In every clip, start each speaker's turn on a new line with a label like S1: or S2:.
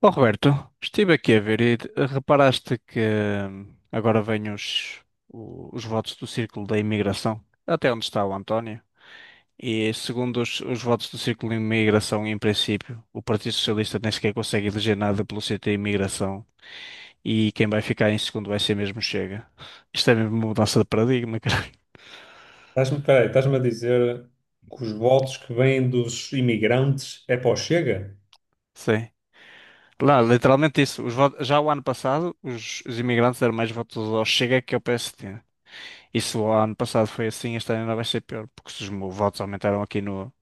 S1: Oh, Roberto, estive aqui a ver e reparaste que agora vêm os votos do Círculo da Imigração, até onde está o António. E segundo os votos do Círculo de Imigração, em princípio, o Partido Socialista nem sequer consegue eleger nada pelo CT Imigração e quem vai ficar em segundo vai ser mesmo o Chega. Isto é mesmo uma mudança de paradigma, caralho.
S2: Peraí, estás-me a dizer que os votos que vêm dos imigrantes é para o Chega?
S1: Sim. Lá, literalmente isso. Já o ano passado, os imigrantes deram mais votos ao Chega que ao PSD. Isso o ano passado foi assim, este ano ainda vai ser pior, porque se votos aumentaram aqui no,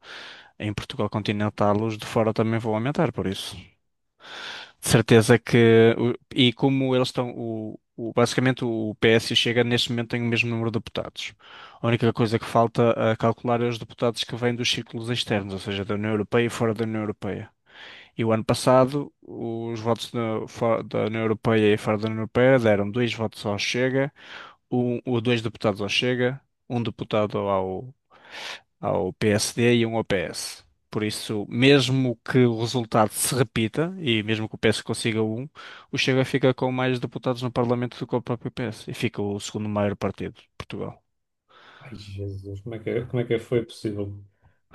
S1: em Portugal continental, os de fora também vão aumentar, por isso. De certeza que. E como eles estão. Basicamente, o PS e o Chega neste momento têm o mesmo número de deputados. A única coisa que falta a calcular é os deputados que vêm dos círculos externos, ou seja, da União Europeia e fora da União Europeia. E o ano passado, fora da União Europeia e fora da União Europeia deram dois votos ao Chega, um ou dois deputados ao Chega, um deputado ao PSD e um ao PS. Por isso, mesmo que o resultado se repita, e mesmo que o PS consiga um, o Chega fica com mais deputados no Parlamento do que o próprio PS. E fica o segundo maior partido de Portugal.
S2: Ai, Jesus, como é que foi possível?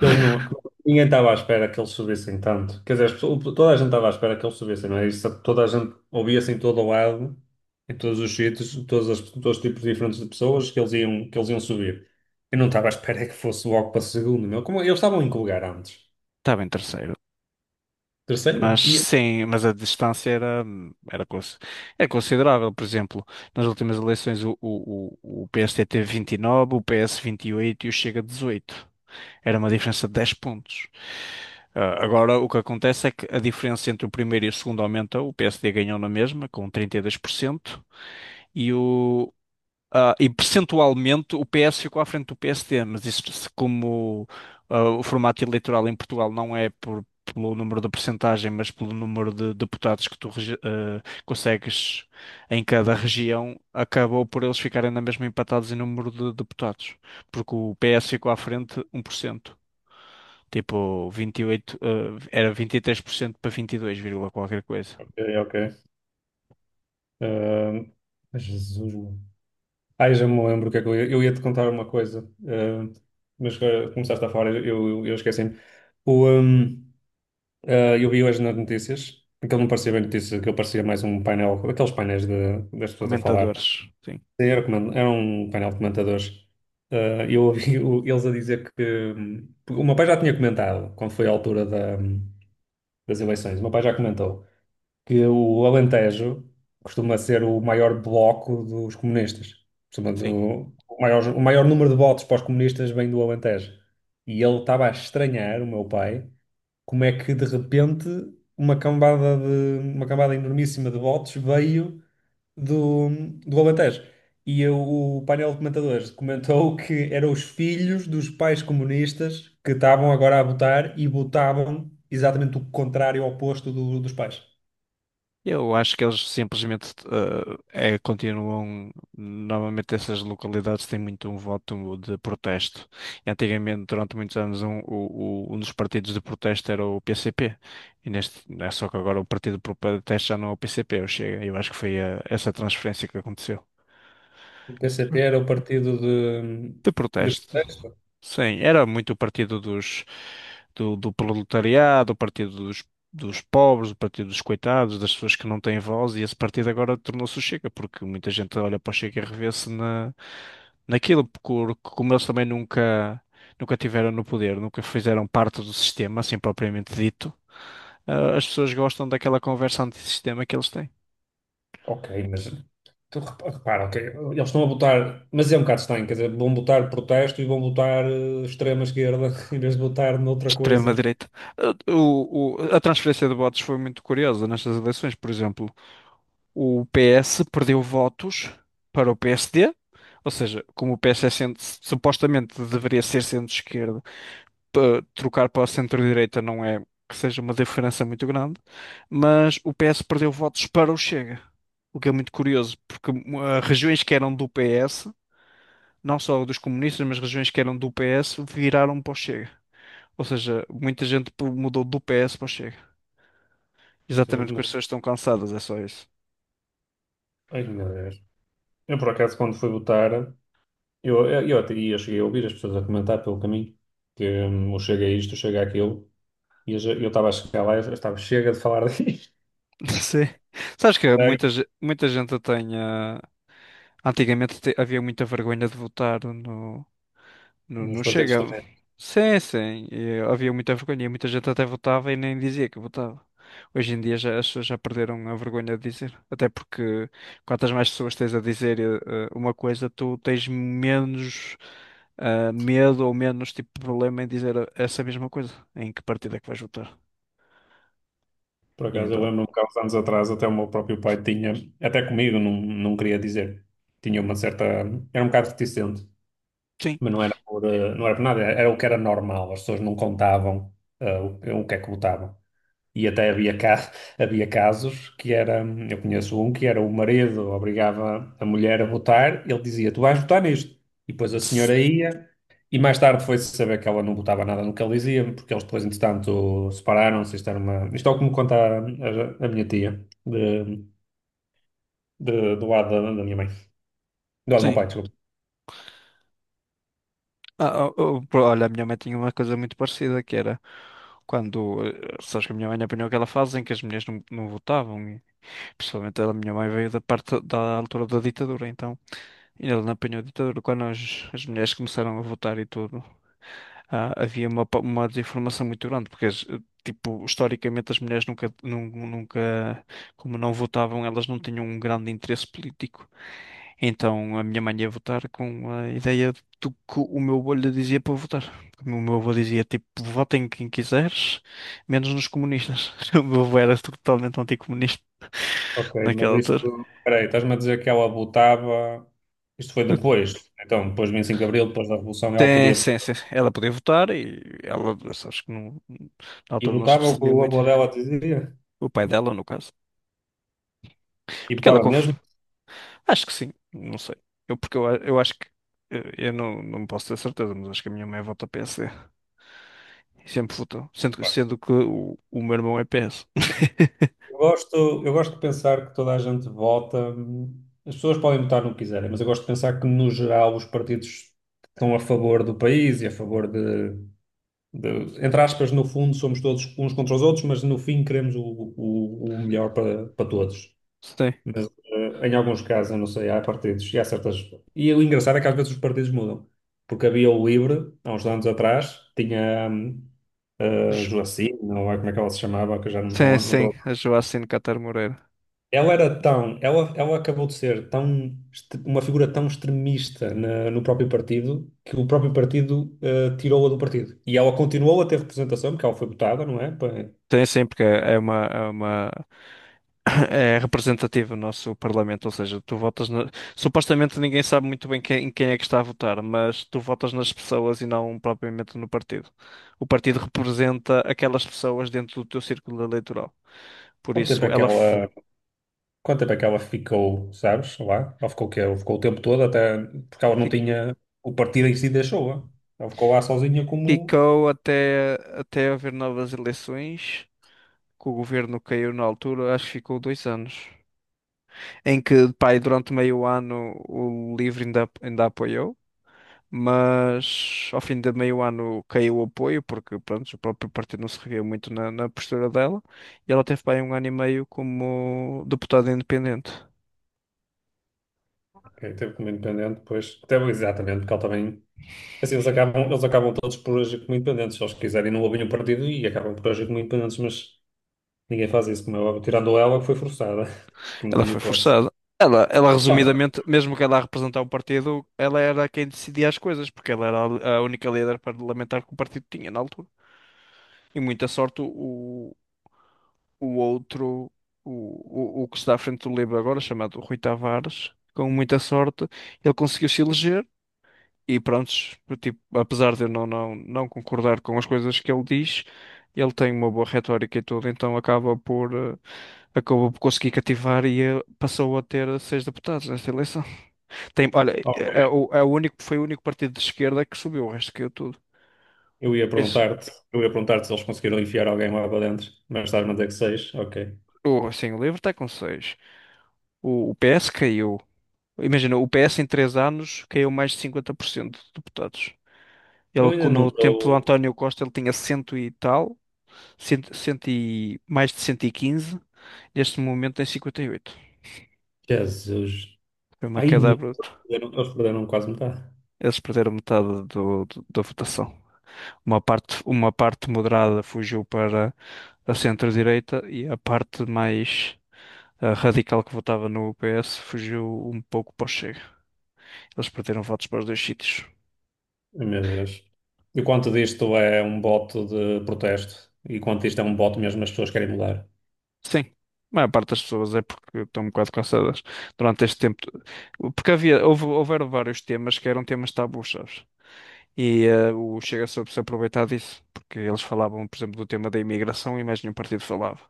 S2: Eles não, Ninguém estava à espera que eles subissem tanto. Quer dizer, toda a gente estava à espera que eles subissem, não é? Isso, toda a gente ouvia-se em todo o lado, em todos os sítios, todos os tipos diferentes de pessoas que eles iam subir. Eu não estava à espera que fosse logo para segundo, meu. Como, eles estavam em que lugar antes?
S1: Estava em terceiro.
S2: Terceiro?
S1: Mas
S2: Ia.
S1: sim, mas a distância era, cons- era considerável. Por exemplo, nas últimas eleições o PSD teve 29, o PS 28 e oito e o Chega 18. Era uma diferença de 10 pontos. Agora, o que acontece é que a diferença entre o primeiro e o segundo aumenta. O PSD ganhou na mesma, com 32%, e, o, e percentualmente o PS ficou à frente do PSD. Mas isso, como o formato eleitoral em Portugal não é por, pelo número da percentagem, mas pelo número de deputados que tu consegues em cada região, acabou por eles ficarem na mesma empatados em número de deputados, porque o PS ficou à frente 1%. Tipo, 28, era 23% para 22 vírgula qualquer coisa.
S2: Ok, ok. Ah, Jesus. Ai, já me lembro o que é que eu ia te contar uma coisa, eh, mas começaste a falar, eu esqueci-me. O, ehm, eu vi hoje nas notícias, aquilo não parecia bem notícias, aquilo parecia mais um painel, aqueles das pessoas a falar.
S1: Comentadores, sim,
S2: Era um painel de comentadores. Eu ouvi eles a dizer que. O meu pai já tinha comentado, quando foi a altura das eleições, o meu pai já comentou que o Alentejo costuma ser o maior bloco dos comunistas. Costuma
S1: sim.
S2: do- o maior número de votos para os comunistas vem do Alentejo. E ele estava a estranhar, o meu pai, como é que de repente uma cambada de uma cambada enormíssima de votos veio do, do Alentejo. E eu- o painel de comentadores comentou que eram os filhos dos pais comunistas que estavam agora a votar e votavam exatamente o contrário, ao oposto dos pais.
S1: Eu acho que eles simplesmente continuam. Normalmente, essas localidades têm muito um voto de protesto. Antigamente, durante muitos anos, um dos partidos de protesto era o PCP. E neste, é só que agora o partido de protesto já não é o PCP, é o Chega. Eu acho que foi essa transferência que aconteceu.
S2: O P C PCP era o partido de,
S1: De
S2: de
S1: protesto.
S2: protesto?
S1: Sim, era muito o partido dos, do proletariado, o partido dos, dos pobres, o partido dos coitados, das pessoas que não têm voz, e esse partido agora tornou-se o Chega, porque muita gente olha para o Chega e revê-se na, naquilo, porque como eles também nunca, nunca tiveram no poder, nunca fizeram parte do sistema, assim propriamente dito, as pessoas gostam daquela conversa antissistema que eles têm.
S2: Ok, mas repara, ok, eles estão a botar, mas é um bocado estranho, quer dizer, vão botar protesto e vão botar extrema esquerda em vez de botar noutra coisa.
S1: Extrema-direita. A transferência de votos foi muito curiosa nestas eleições. Por exemplo, o PS perdeu votos para o PSD, ou seja, como o PS é centro, supostamente deveria ser centro-esquerda, trocar para a centro-direita não é que seja uma diferença muito grande, mas o PS perdeu votos para o Chega, o que é muito curioso, porque regiões que eram do PS, não só dos comunistas, mas regiões que eram do PS, viraram para o Chega. Ou seja, muita gente mudou do PS para o Chega.
S2: Ou seja,
S1: Exatamente porque as
S2: não-
S1: pessoas estão cansadas, é só isso.
S2: Ai, meu Deus. Eu, por acaso, quando fui votar, eu até ia, cheguei a ouvir as pessoas a comentar pelo caminho que eu chego a isto, eu chego àquilo, e eu estava a chegar lá, eu estava chega de falar disto.
S1: Sim. Sabes que
S2: Ai,
S1: muita gente tem. Antigamente havia muita vergonha de votar no. Não,
S2: nos
S1: não
S2: partidos.
S1: chega. Sim, sim. E havia muita vergonha. E muita gente até votava e nem dizia que votava. Hoje em dia já, as pessoas já perderam a vergonha de dizer. Até porque quantas mais pessoas tens a dizer uma coisa, tu tens menos medo ou menos tipo de problema em dizer essa mesma coisa. Em que partida é que vais votar?
S2: Por
S1: E
S2: acaso, eu
S1: então.
S2: lembro-me que há uns anos atrás até o meu próprio pai tinha, até comigo, não queria dizer, tinha uma certa, era um bocado reticente,
S1: Sim.
S2: mas não era por nada, era o que era normal, as pessoas não contavam o que é que votavam. E até havia casos que era, eu conheço um que era o marido obrigava a mulher a votar, ele dizia, tu vais votar nisto. E depois a senhora ia, e mais tarde foi-se saber que ela não votava nada no que ele dizia, porque eles depois, entretanto, separaram-se. Isto era uma... isto é o que me conta a minha tia, do lado da minha mãe, do lado do meu
S1: Sim.
S2: pai, desculpa.
S1: Olha, a minha mãe tinha uma coisa muito parecida que era sabes que a minha mãe apanhou aquela fase em que as mulheres não votavam. Principalmente a minha mãe veio da parte da altura da ditadura, então ainda não apanhou a ditadura. Quando as mulheres começaram a votar e tudo, havia uma desinformação muito grande, porque tipo, historicamente as mulheres nunca, como não votavam, elas não tinham um grande interesse político. Então a minha mãe ia votar com a ideia do que o meu avô lhe dizia para votar. Como o meu avô dizia, tipo, votem em quem quiseres, menos nos comunistas. O meu avô era totalmente anticomunista
S2: Ok, mas
S1: naquela
S2: isto,
S1: altura.
S2: peraí, estás-me a dizer que ela votava, isto foi depois, então, depois de 25 de Abril, depois da Revolução, ela
S1: Tem,
S2: podia.
S1: sim, sim. Ela podia votar e ela, acho que não, na
S2: E
S1: altura não se
S2: botava o que
S1: percebia
S2: o
S1: muito.
S2: avô dela dizia.
S1: O pai dela, no caso.
S2: E
S1: Porque ela
S2: botava
S1: conf.
S2: mesmo.
S1: Acho que sim, não sei. Eu, porque eu, eu acho que. Eu, não posso ter certeza, mas acho que a minha mãe vota PSD. E sempre votou. Sendo, que-
S2: Pá,
S1: sendo que o meu irmão é PS.
S2: Eu gosto, eu gosto de pensar que toda a gente vota. As pessoas podem votar no que quiserem, mas eu gosto de pensar que, no geral, os partidos que estão a favor do país e a favor de- entre aspas, no fundo, somos todos uns contra os outros, mas no fim queremos o melhor para todos.
S1: Sim.
S2: Mas em alguns casos, eu não sei, há partidos e há certas. E o engraçado é que às vezes os partidos mudam. Porque havia o LIVRE, há uns anos atrás, tinha a
S1: Ju-
S2: Joacine, não é como é que ela se chamava, que eu já não
S1: sim,
S2: estou. Não
S1: sim.
S2: estou...
S1: A Joacine Catar Moreira.
S2: Ela era tão... Ela acabou de ser tão... Uma figura tão extremista no próprio partido que o próprio partido tirou-a do partido. E ela continuou a ter representação, porque ela foi votada, não é?
S1: Sim, sim, porque é uma, é uma é representativo o nosso Parlamento, ou seja, tu votas na. Supostamente ninguém sabe muito bem quem, em quem é que está a votar, mas tu votas nas pessoas e não propriamente no partido. O partido representa aquelas pessoas dentro do teu círculo eleitoral. Por
S2: Quanto tempo
S1: isso,
S2: é que ela. Quanto tempo é que ela ficou, sabes, lá? Ela ficou o quê? Ela ficou o tempo todo até... Porque ela não
S1: fi-
S2: tinha... O partido em si deixou-a. Ela ficou lá sozinha como...
S1: ficou até haver novas eleições, que o governo caiu na altura, acho que ficou 2 anos, em que, pá, e durante meio ano o Livre ainda apoiou. Mas ao fim de meio ano caiu o apoio, porque pronto, o próprio partido não se reviu muito na, na postura dela, e ela teve bem 1 ano e meio como deputada independente.
S2: Ok, teve como independente, depois... Até, exatamente, porque ela também... Assim, eles acabam todos por agir como independentes. Se eles quiserem, não ouvem o partido e acabam por agir como independentes, mas ninguém faz isso, como é óbvio. Tirando ela, que foi forçada, que não
S1: Ela
S2: tinha
S1: foi
S2: hipótese.
S1: forçada.
S2: Não.
S1: Resumidamente, mesmo que ela a representar o partido, ela era quem decidia as coisas, porque ela era a única líder parlamentar que o partido tinha na altura. E muita sorte o outro, o que está à frente do Livre agora, chamado Rui Tavares, com muita sorte, ele conseguiu se eleger. E prontos, tipo, apesar de eu não concordar com as coisas que ele diz, ele tem uma boa retórica e tudo, então acaba por, acabou por conseguir cativar e passou a ter seis deputados nesta eleição. Tem, olha,
S2: Ok.
S1: é, é o, é o único, foi o único partido de esquerda que subiu, o resto caiu tudo.
S2: Eu ia
S1: Esse,
S2: perguntar-te, eu ia perguntar-te se eles conseguiram enfiar alguém lá para dentro, mas estás-me a dizer que seis, ok.
S1: o, assim, o LIVRE está com seis. O PS caiu. Imagina, o PS em 3 anos caiu mais de 50% de deputados.
S2: Eu
S1: Ele,
S2: ainda não
S1: no tempo do
S2: estou...
S1: António Costa, ele tinha cento e tal. Cento, cento e, mais de 115, neste momento tem 58.
S2: Jesus...
S1: Foi uma
S2: Ai,
S1: queda
S2: meu
S1: bruta.
S2: Deus, eles perderam quase metade.
S1: Eles perderam metade da votação. Uma parte moderada fugiu para a centro-direita e a parte mais radical que votava no PS fugiu um pouco para o Chega. Eles perderam votos para os dois sítios.
S2: Ai, meu Deus. E quanto disto é um bote de protesto? E quanto isto é um bote mesmo as pessoas querem mudar?
S1: Sim, a maior parte das pessoas é porque estão um bocado cansadas durante este tempo. Porque havia, houve, houveram vários temas que eram temas tabus, sabes? E o Chega soube se aproveitar disso, porque eles falavam, por exemplo, do tema da imigração e mais nenhum partido falava.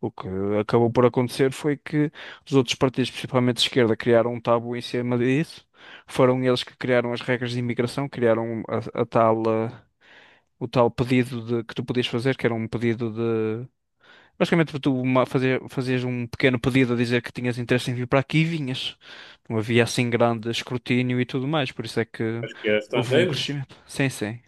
S1: O que acabou por acontecer foi que os outros partidos, principalmente de esquerda, criaram um tabu em cima disso. Foram eles que criaram as regras de imigração, criaram a tal, o tal pedido de, que tu podias fazer, que era um pedido de. Basicamente, tu fazer, fazias um pequeno pedido a dizer que tinhas interesse em vir para aqui e vinhas. Não havia assim grande escrutínio e tudo mais, por isso é que
S2: Acho que é
S1: houve um
S2: estrangeiros.
S1: crescimento. Sim, sim.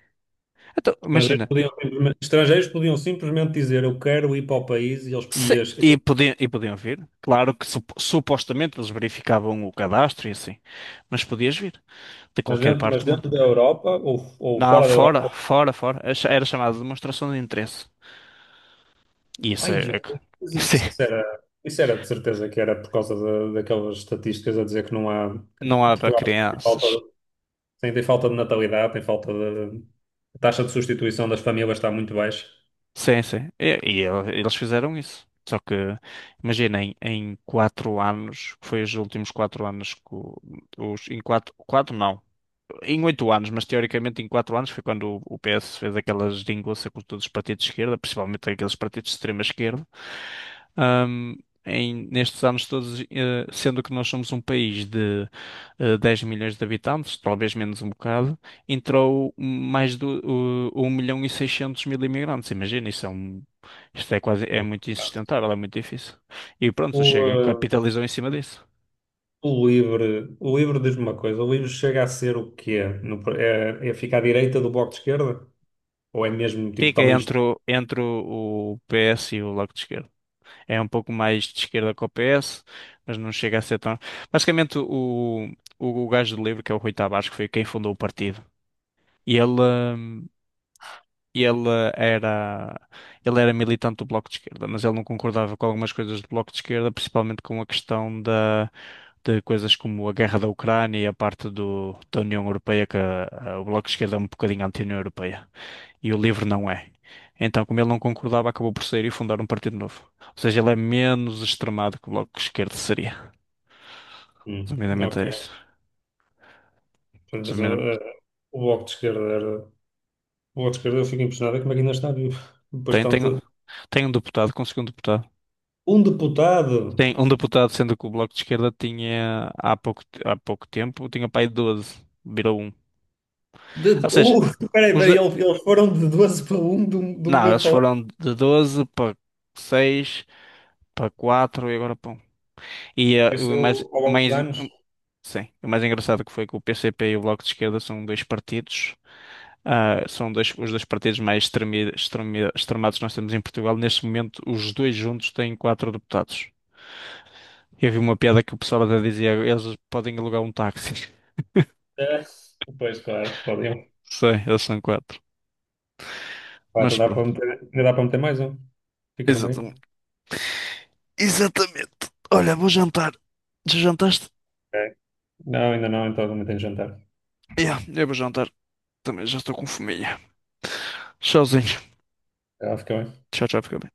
S1: Então,
S2: Estrangeiros
S1: imagina,
S2: podiam simplesmente, estrangeiros podiam simplesmente dizer eu quero ir para o país e eles e
S1: e podiam, podiam vir. Claro que supostamente eles verificavam o cadastro e assim, mas podias vir de
S2: mas
S1: qualquer
S2: dentro,
S1: parte
S2: mas
S1: do mundo.
S2: dentro da Europa ou
S1: Não,
S2: fora da Europa.
S1: fora, fora, fora. Era era chamada de demonstração de interesse. E isso
S2: Ai,
S1: é, é que.
S2: Jesus,
S1: Isso é,
S2: isso era de certeza que era por causa daquelas estatísticas a dizer que não há que
S1: não há para
S2: Portugal.
S1: crianças.
S2: Sim, tem falta de natalidade, tem falta de. A taxa de substituição das famílias está muito baixa.
S1: Sim, sim. E, eles fizeram isso. Só que, imaginem, em 4 anos, foi os últimos 4 anos que em quatro, quatro não. Em 8 anos, mas teoricamente em 4 anos foi quando o PS fez aquelas geringonça com todos os partidos de esquerda, principalmente aqueles partidos de extrema esquerda. Ahm, Em, nestes anos todos, sendo que nós somos um país de 10 milhões de habitantes, talvez menos um bocado, entrou mais de 1 milhão e seiscentos mil imigrantes. Imagina, isso é um, isto é quase, é muito insustentável, é muito difícil. E pronto,
S2: O,
S1: o Chega
S2: eh,
S1: capitalizou em cima disso.
S2: o Livre diz-me uma coisa, o Livre chega a ser o quê? No- é, é ficar à direita do Bloco de Esquerda? Ou é mesmo, tipo,
S1: Fica
S2: também...
S1: entre, entre o PS e o Bloco de Esquerda. É um pouco mais de esquerda que o PS, mas não chega a ser tão. Basicamente, o gajo do livre que é o Rui Tavares, que foi quem fundou o partido, e ele era, ele era militante do Bloco de Esquerda, mas ele não concordava com algumas coisas do Bloco de Esquerda, principalmente com a questão da, de coisas como a guerra da Ucrânia e a parte do, da União Europeia, que o Bloco de Esquerda é um bocadinho anti-União Europeia. E o livre não é. Então, como ele não concordava, acabou por sair e fundar um partido novo. Ou seja, ele é menos extremado que o Bloco de Esquerda seria.
S2: Hum,
S1: Resumidamente
S2: ok.
S1: é isso.
S2: Mas,
S1: Resumidamente,
S2: o Bloco de Esquerda era... O Bloco de Esquerda, eu fico impressionado é como é que ainda está vivo.
S1: tem, tem,
S2: Bastante...
S1: tem um deputado, conseguiu um deputado.
S2: Um deputado!
S1: Tem um deputado, sendo que o Bloco de Esquerda tinha, há pouco tempo, tinha pai de 12, virou um.
S2: De,
S1: Ou
S2: de-
S1: seja,
S2: uh, peraí,
S1: os
S2: peraí,
S1: do-
S2: eles foram de 12 para 1 de um
S1: não,
S2: momento
S1: eles
S2: para o outro.
S1: foram de 12 para 6 para 4 e agora para 1. E
S2: Isso
S1: o mais,
S2: ao
S1: o
S2: longo dos
S1: mais.
S2: anos.
S1: Sim, o mais engraçado que foi que o PCP e o Bloco de Esquerda são dois partidos. Ah, são dois, os dois partidos mais extremados que nós temos em Portugal. Neste momento, os dois juntos têm quatro deputados. Eu vi uma piada que o pessoal até dizia: eles podem alugar um táxi.
S2: É. Pois, claro, podiam.
S1: Sei, eles são quatro.
S2: Vai,
S1: Mas
S2: dá para
S1: pronto.
S2: meter, ainda dá para meter mais um. Fica no meio.
S1: Exatamente. Exatamente. Olha, vou jantar. Já jantaste?
S2: Ok. Não, ainda não, então não tenho jantar.
S1: Yeah, eu vou jantar. Também já estou com fominha. Tchauzinho.
S2: Já ficou.
S1: Tchau, tchau, fica bem.